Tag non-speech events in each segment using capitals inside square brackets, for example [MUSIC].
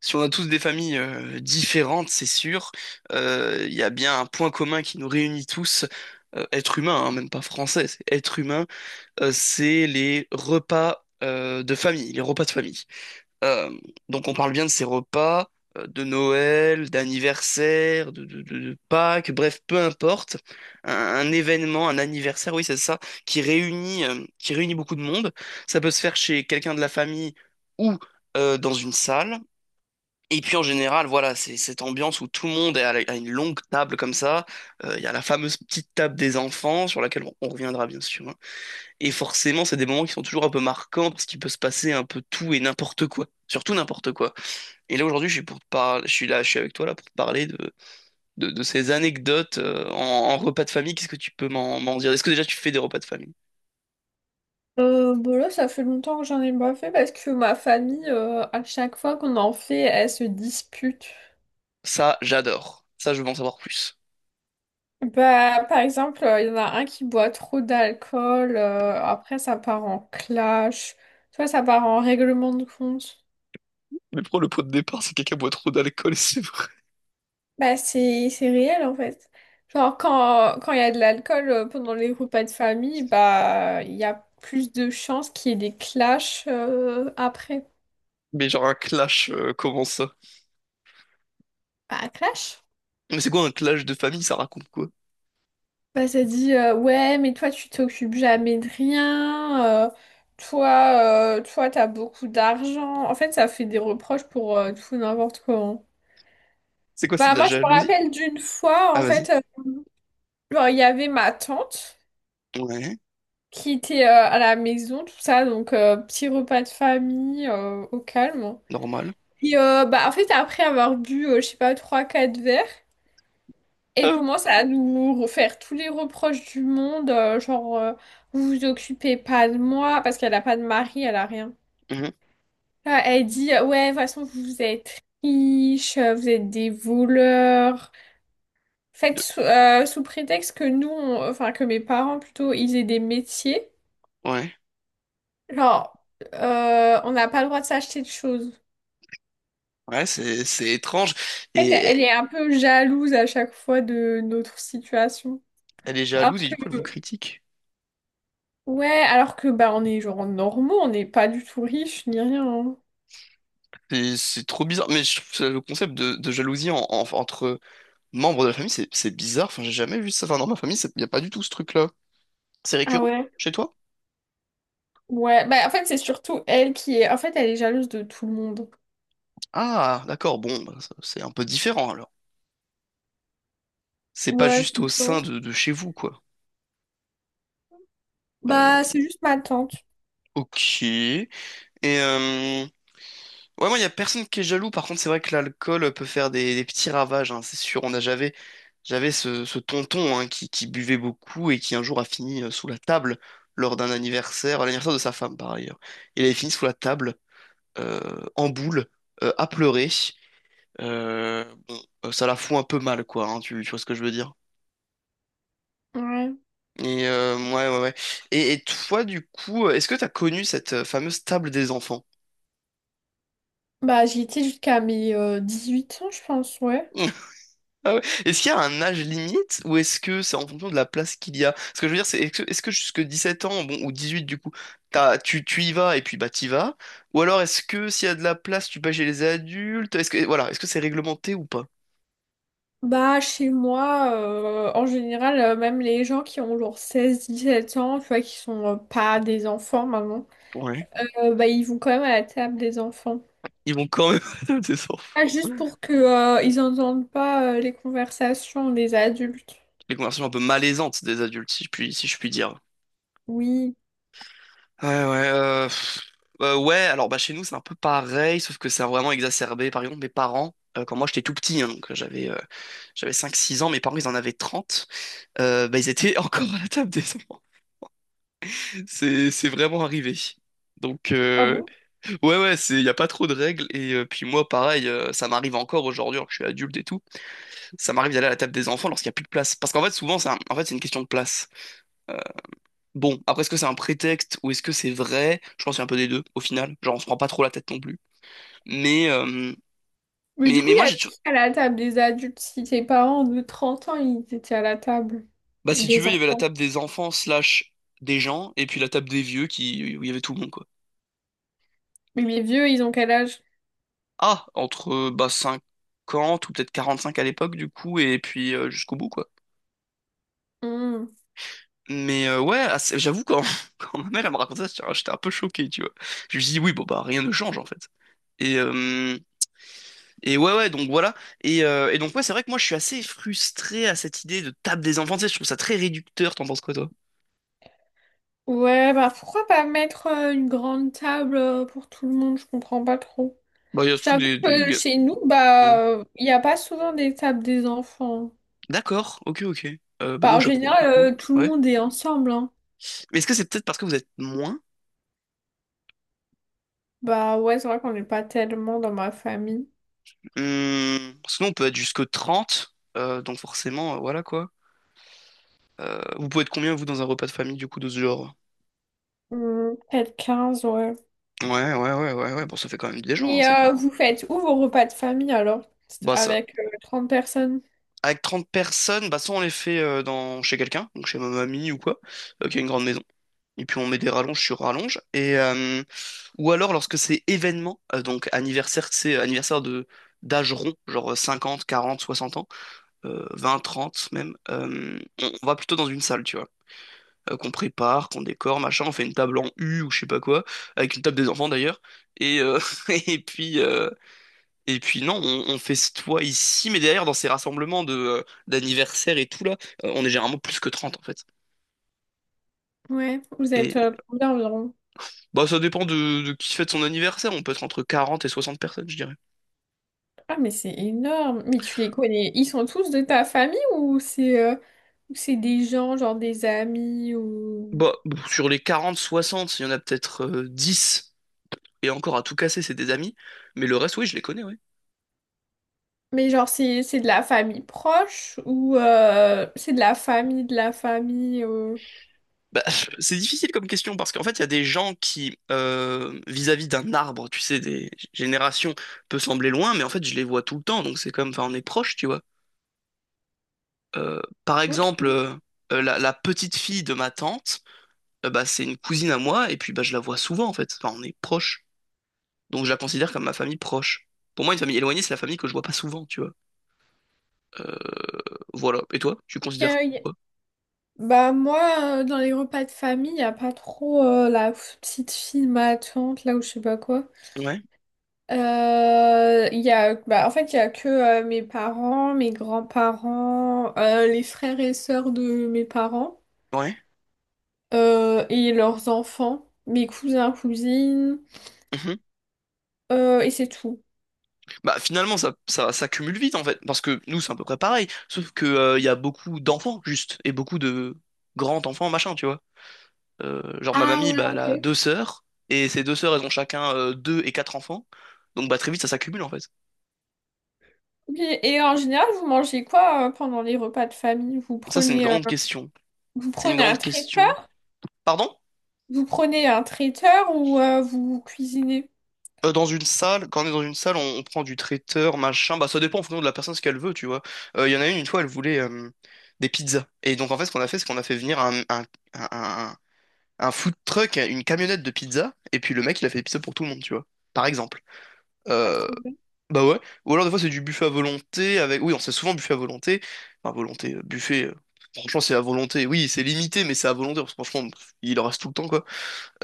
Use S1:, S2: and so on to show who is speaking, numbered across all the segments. S1: Si on a tous des familles différentes, c'est sûr, il y a bien un point commun qui nous réunit tous, être humain, hein, même pas français, c'est être humain, c'est les repas de famille, les repas de famille. Euh, donc on parle bien de ces repas de Noël, d'anniversaire, de Pâques, bref, peu importe, un événement, un anniversaire, oui, c'est ça, qui réunit beaucoup de monde. Ça peut se faire chez quelqu'un de la famille ou dans une salle. Et puis en général, voilà, c'est cette ambiance où tout le monde est à une longue table comme ça. Il y a la fameuse petite table des enfants sur laquelle on reviendra bien sûr, hein. Et forcément, c'est des moments qui sont toujours un peu marquants parce qu'il peut se passer un peu tout et n'importe quoi, surtout n'importe quoi. Et là aujourd'hui, je suis avec toi là pour te parler de ces anecdotes en repas de famille. Qu'est-ce que tu peux m'en dire? Est-ce que déjà tu fais des repas de famille?
S2: Bon là, ça fait longtemps que j'en ai pas fait parce que ma famille, à chaque fois qu'on en fait, elle se dispute.
S1: Ça, j'adore. Ça, je veux en savoir plus.
S2: Bah, par exemple, il y en a un qui boit trop d'alcool, après ça part en clash, soit ça part en règlement de compte.
S1: Mais pourquoi le pot de départ, c'est quelqu'un boit trop d'alcool [LAUGHS] et c'est vrai.
S2: Bah, c'est réel en fait. Genre, quand il y a de l'alcool pendant les repas de famille, bah, il y a plus de chances qu'il y ait des clashs après.
S1: Mais genre un clash, comment ça?
S2: Bah, clash?
S1: Mais c'est quoi un clash de famille, ça raconte quoi?
S2: Bah, ça dit ouais mais toi tu t'occupes jamais de rien toi toi t'as beaucoup d'argent en fait, ça fait des reproches pour tout et n'importe quoi, hein.
S1: C'est quoi, c'est de
S2: Bah
S1: la
S2: moi je me
S1: jalousie?
S2: rappelle d'une fois
S1: Ah,
S2: en
S1: vas-y.
S2: fait, genre, il y avait ma tante
S1: Ouais,
S2: qui était à la maison tout ça, donc petit repas de famille au calme.
S1: normal.
S2: Et bah en fait après avoir bu, je sais pas, trois quatre verres. Et
S1: Ah,
S2: commence à nous refaire tous les reproches du monde, genre, vous vous occupez pas de moi parce qu'elle a pas de mari, elle a rien.
S1: mhm.
S2: Là, elle dit ouais, de toute façon vous êtes riches, vous êtes des voleurs. Faites
S1: De-
S2: sous, sous prétexte que nous, enfin que mes parents plutôt, ils aient des métiers.
S1: Ouais,
S2: Genre, on n'a pas le droit de s'acheter de choses.
S1: ouais, c'est étrange.
S2: En fait,
S1: Et
S2: elle est un peu jalouse à chaque fois de notre situation.
S1: elle est
S2: Alors
S1: jalouse et du coup elle vous
S2: que.
S1: critique.
S2: Ouais, alors que bah on est genre normaux, on n'est pas du tout riches ni rien, hein.
S1: C'est trop bizarre. Mais je trouve ça, le concept de jalousie entre membres de la famille, c'est bizarre. Enfin, j'ai jamais vu ça. Enfin, dans ma famille, il n'y a pas du tout ce truc-là. C'est
S2: Ah
S1: récurrent
S2: ouais?
S1: chez toi?
S2: Ouais, bah en fait c'est surtout elle qui est... En fait elle est jalouse de tout le monde.
S1: Ah, d'accord, bon, bah, ça, c'est un peu différent alors. C'est pas
S2: Ouais,
S1: juste
S2: tout
S1: au
S2: le
S1: sein
S2: temps.
S1: de chez vous, quoi. Euh,
S2: Bah c'est juste ma tante.
S1: ok. Et euh, ouais, moi, il y a personne qui est jaloux. Par contre, c'est vrai que l'alcool peut faire des petits ravages, hein, c'est sûr. J'avais ce tonton hein, qui buvait beaucoup et qui un jour a fini sous la table lors d'un anniversaire, à l'anniversaire de sa femme par ailleurs. Il avait fini sous la table, en boule, à pleurer. Euh, bon, ça la fout un peu mal, quoi. Hein, tu vois ce que je veux dire?
S2: Ouais.
S1: Et ouais, ouais, ouais. Et toi, du coup, est-ce que t'as connu cette fameuse table des enfants?
S2: Bah j'y étais jusqu'à mes huit ans je pense, ouais.
S1: Ah ouais. Est-ce qu'il y a un âge limite ou est-ce que c'est en fonction de la place qu'il y a? Ce que je veux dire, c'est est-ce que jusque 17 ans, bon, ou 18 du coup, tu y vas et puis bah t'y vas? Ou alors est-ce que s'il y a de la place, tu vas chez les adultes? Est-ce que voilà, est-ce que c'est réglementé ou pas?
S2: Bah chez moi, en général, même les gens qui ont genre seize dix-sept ans, tu vois, qui sont pas des enfants maintenant,
S1: Ouais.
S2: bah ils vont quand même à la table des enfants.
S1: Ils vont quand même [LAUGHS] adopter des
S2: Ah,
S1: enfants.
S2: juste pour que, ils entendent pas, les conversations des adultes.
S1: Les conversations un peu malaisantes des adultes, si je puis dire.
S2: Oui.
S1: Ouais, ouais, ouais, alors bah chez nous c'est un peu pareil, sauf que c'est vraiment exacerbé. Par exemple, mes parents, quand moi j'étais tout petit, hein, j'avais cinq six ans, mes parents ils en avaient 30. Ils étaient [LAUGHS] encore à la table des enfants. C'est vraiment arrivé. Donc,
S2: Ah
S1: euh,
S2: bon?
S1: ouais, ouais, c'est, y a pas trop de règles. Et puis moi, pareil, ça m'arrive encore aujourd'hui, alors que je suis adulte et tout, ça m'arrive d'aller à la table des enfants lorsqu'il n'y a plus de place. Parce qu'en fait, souvent, en fait, c'est une question de place. Euh, bon, après, est-ce que c'est un prétexte ou est-ce que c'est vrai? Je pense qu'il y a un peu des deux, au final. Genre, on se prend pas trop la tête non plus. Mais, euh,
S2: Mais du coup,
S1: mais
S2: il y
S1: moi, j'ai
S2: avait
S1: toujours...
S2: qui à la table des adultes? Si tes parents de 30 ans, ils étaient à la table
S1: Bah, si tu
S2: des
S1: veux, il y avait la
S2: enfants.
S1: table des enfants slash des gens, et puis la table des vieux qui... où il y avait tout le monde, quoi.
S2: Mais les vieux, ils ont quel âge?
S1: Ah, entre bah, 50 ou peut-être 45 à l'époque, du coup, et puis jusqu'au bout, quoi.
S2: Hmm.
S1: Mais ouais, ah, c'est, j'avoue, quand, [LAUGHS] quand ma mère elle me racontait ça, j'étais un peu choqué, tu vois. Je lui dis, oui, bon, bah, rien ne change, en fait. Et, euh, et ouais, ouais, donc voilà. Donc, ouais, c'est vrai que moi, je suis assez frustré à cette idée de table des enfants, tu sais, je trouve ça très réducteur, t'en penses quoi, toi?
S2: Ouais, bah pourquoi pas mettre une grande table pour tout le monde? Je comprends pas trop.
S1: Bah, il y a ce truc
S2: J'avoue que chez nous, bah,
S1: Ouais.
S2: il n'y a pas souvent des tables des enfants.
S1: D'accord, ok, ok. Bah, nous,
S2: Bah,
S1: à
S2: en
S1: chaque fois, du
S2: général,
S1: coup.
S2: tout le
S1: Ouais.
S2: monde est ensemble, hein.
S1: Mais est-ce que c'est peut-être parce que vous êtes moins?
S2: Bah ouais, c'est vrai qu'on n'est pas tellement dans ma famille.
S1: Parce on peut être jusque 30 donc forcément, voilà quoi. Vous pouvez être combien, vous, dans un repas de famille, du coup, de ce genre?
S2: Hmm, peut-être quinze, ouais.
S1: Ouais, ouais, ouais, ouais, ouais, bon, ça fait quand même des gens, hein,
S2: Mais
S1: c'est pas...
S2: vous faites où vos repas de famille alors? C'est
S1: Bah, ça...
S2: avec 30 personnes?
S1: Avec 30 personnes, bah, soit on les fait dans... chez quelqu'un, donc chez ma mamie ou quoi, qui a une grande maison. Et puis on met des rallonges sur rallonges. Ou alors, lorsque c'est événement, donc anniversaire, c'est anniversaire de d'âge rond, genre 50 40 60 ans, 20, 30 même, on va plutôt dans une salle, tu vois. Qu'on prépare, qu'on décore, machin, on fait une table en U ou je sais pas quoi, avec une table des enfants d'ailleurs. Et, euh, [LAUGHS] et puis euh, et puis non, on festoie ici, mais derrière dans ces rassemblements de d'anniversaire et tout là, on est généralement plus que 30 en fait.
S2: Ouais, vous
S1: Et
S2: êtes combien environ?
S1: bah ça dépend de qui fête son anniversaire, on peut être entre 40 et 60 personnes, je dirais.
S2: Ah, mais c'est énorme! Mais tu les connais, ils sont tous de ta famille ou c'est des gens, genre des amis ou...
S1: Bah sur les 40 60, il y en a peut-être 10 et encore à tout casser, c'est des amis, mais le reste oui, je les connais, ouais.
S2: Mais genre c'est de la famille proche ou c'est de la famille de la famille, euh.
S1: Bah, [LAUGHS] c'est difficile comme question parce qu'en fait, il y a des gens qui, vis-à-vis d'un arbre, tu sais, des générations, peut sembler loin, mais en fait, je les vois tout le temps, donc c'est comme, enfin, on est proche, tu vois. Euh, par
S2: Ok.
S1: exemple, euh, la petite fille de ma tante, bah, c'est une cousine à moi, et puis bah, je la vois souvent, en fait. Enfin, on est proche, donc je la considère comme ma famille proche. Pour moi, une famille éloignée, c'est la famille que je vois pas souvent, tu vois. Euh, voilà. Et toi, tu
S2: Ok.
S1: considères quoi?
S2: Bah moi, dans les repas de famille, il n'y a pas trop la petite fille, ma tante, là où je sais pas quoi.
S1: Ouais,
S2: Il y a, bah, en fait, il y a que mes parents, mes grands-parents, les frères et sœurs de mes parents
S1: ouais.
S2: et leurs enfants, mes cousins, cousines, et c'est tout.
S1: Bah finalement ça cumule vite en fait parce que nous c'est à peu près pareil sauf que il y a beaucoup d'enfants juste et beaucoup de grands enfants machin tu vois. Genre ma
S2: Ah
S1: mamie
S2: ouais,
S1: bah elle a
S2: ok.
S1: deux sœurs et ces deux sœurs elles ont chacun deux et quatre enfants donc bah très vite ça s'accumule en fait.
S2: Ok. Et en général, vous mangez quoi pendant les repas de famille?
S1: Ça c'est une grande question,
S2: Vous
S1: c'est une
S2: prenez un
S1: grande question,
S2: traiteur?
S1: pardon.
S2: Vous prenez un traiteur ou vous cuisinez?
S1: Dans une salle quand on est dans une salle on prend du traiteur machin bah ça dépend en fonction de la personne ce qu'elle veut tu vois. Il y en a une fois elle voulait des pizzas et donc en fait ce qu'on a fait c'est qu'on a fait venir un un food truck, une camionnette de pizza, et puis le mec, il a fait des pizzas pour tout le monde, tu vois. Par exemple.
S2: Pas
S1: Euh,
S2: trop bien.
S1: Bah ouais. Ou alors, des fois, c'est du buffet à volonté avec. Oui, on sait souvent buffet à volonté. Enfin, buffet. Franchement, c'est à volonté. Oui, c'est limité, mais c'est à volonté. Parce que franchement, pff, il en reste tout le temps, quoi.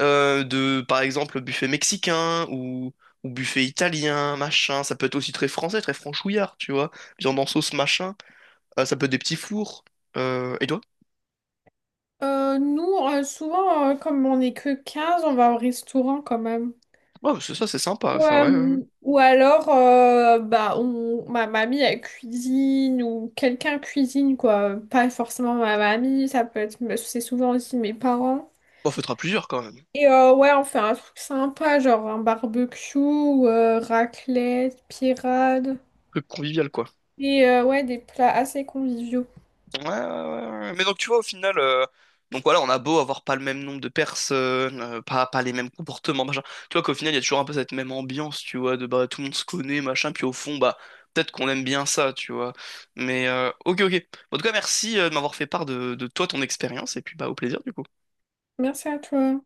S1: Par exemple, buffet mexicain ou buffet italien, machin. Ça peut être aussi très français, très franchouillard, tu vois. Viande en sauce, machin. Ça peut être des petits fours. Et toi?
S2: Nous, souvent, comme on n'est que 15, on va au restaurant quand même.
S1: Ouais, c'est ça, c'est sympa. Ça, ouais, ouais, ouais.
S2: Ou alors, bah, on, ma mamie, elle cuisine ou quelqu'un cuisine, quoi. Pas forcément ma mamie, ça peut être, c'est souvent aussi mes parents.
S1: Bon, fera plusieurs quand même.
S2: Et ouais, on fait un truc sympa, genre un barbecue, raclette, pirade.
S1: Truc convivial, quoi.
S2: Et ouais, des plats assez conviviaux.
S1: Ouais, ouais, ouais, ouais. Mais donc tu vois au final, donc voilà, on a beau avoir pas le même nombre de personnes, pas les mêmes comportements, machin. Tu vois qu'au final, il y a toujours un peu cette même ambiance, tu vois, de bah tout le monde se connaît, machin, puis au fond, bah peut-être qu'on aime bien ça, tu vois. Mais ok, ok. Bon, en tout cas, merci de m'avoir fait part de toi, ton expérience, et puis bah au plaisir du coup.
S2: Merci à toi.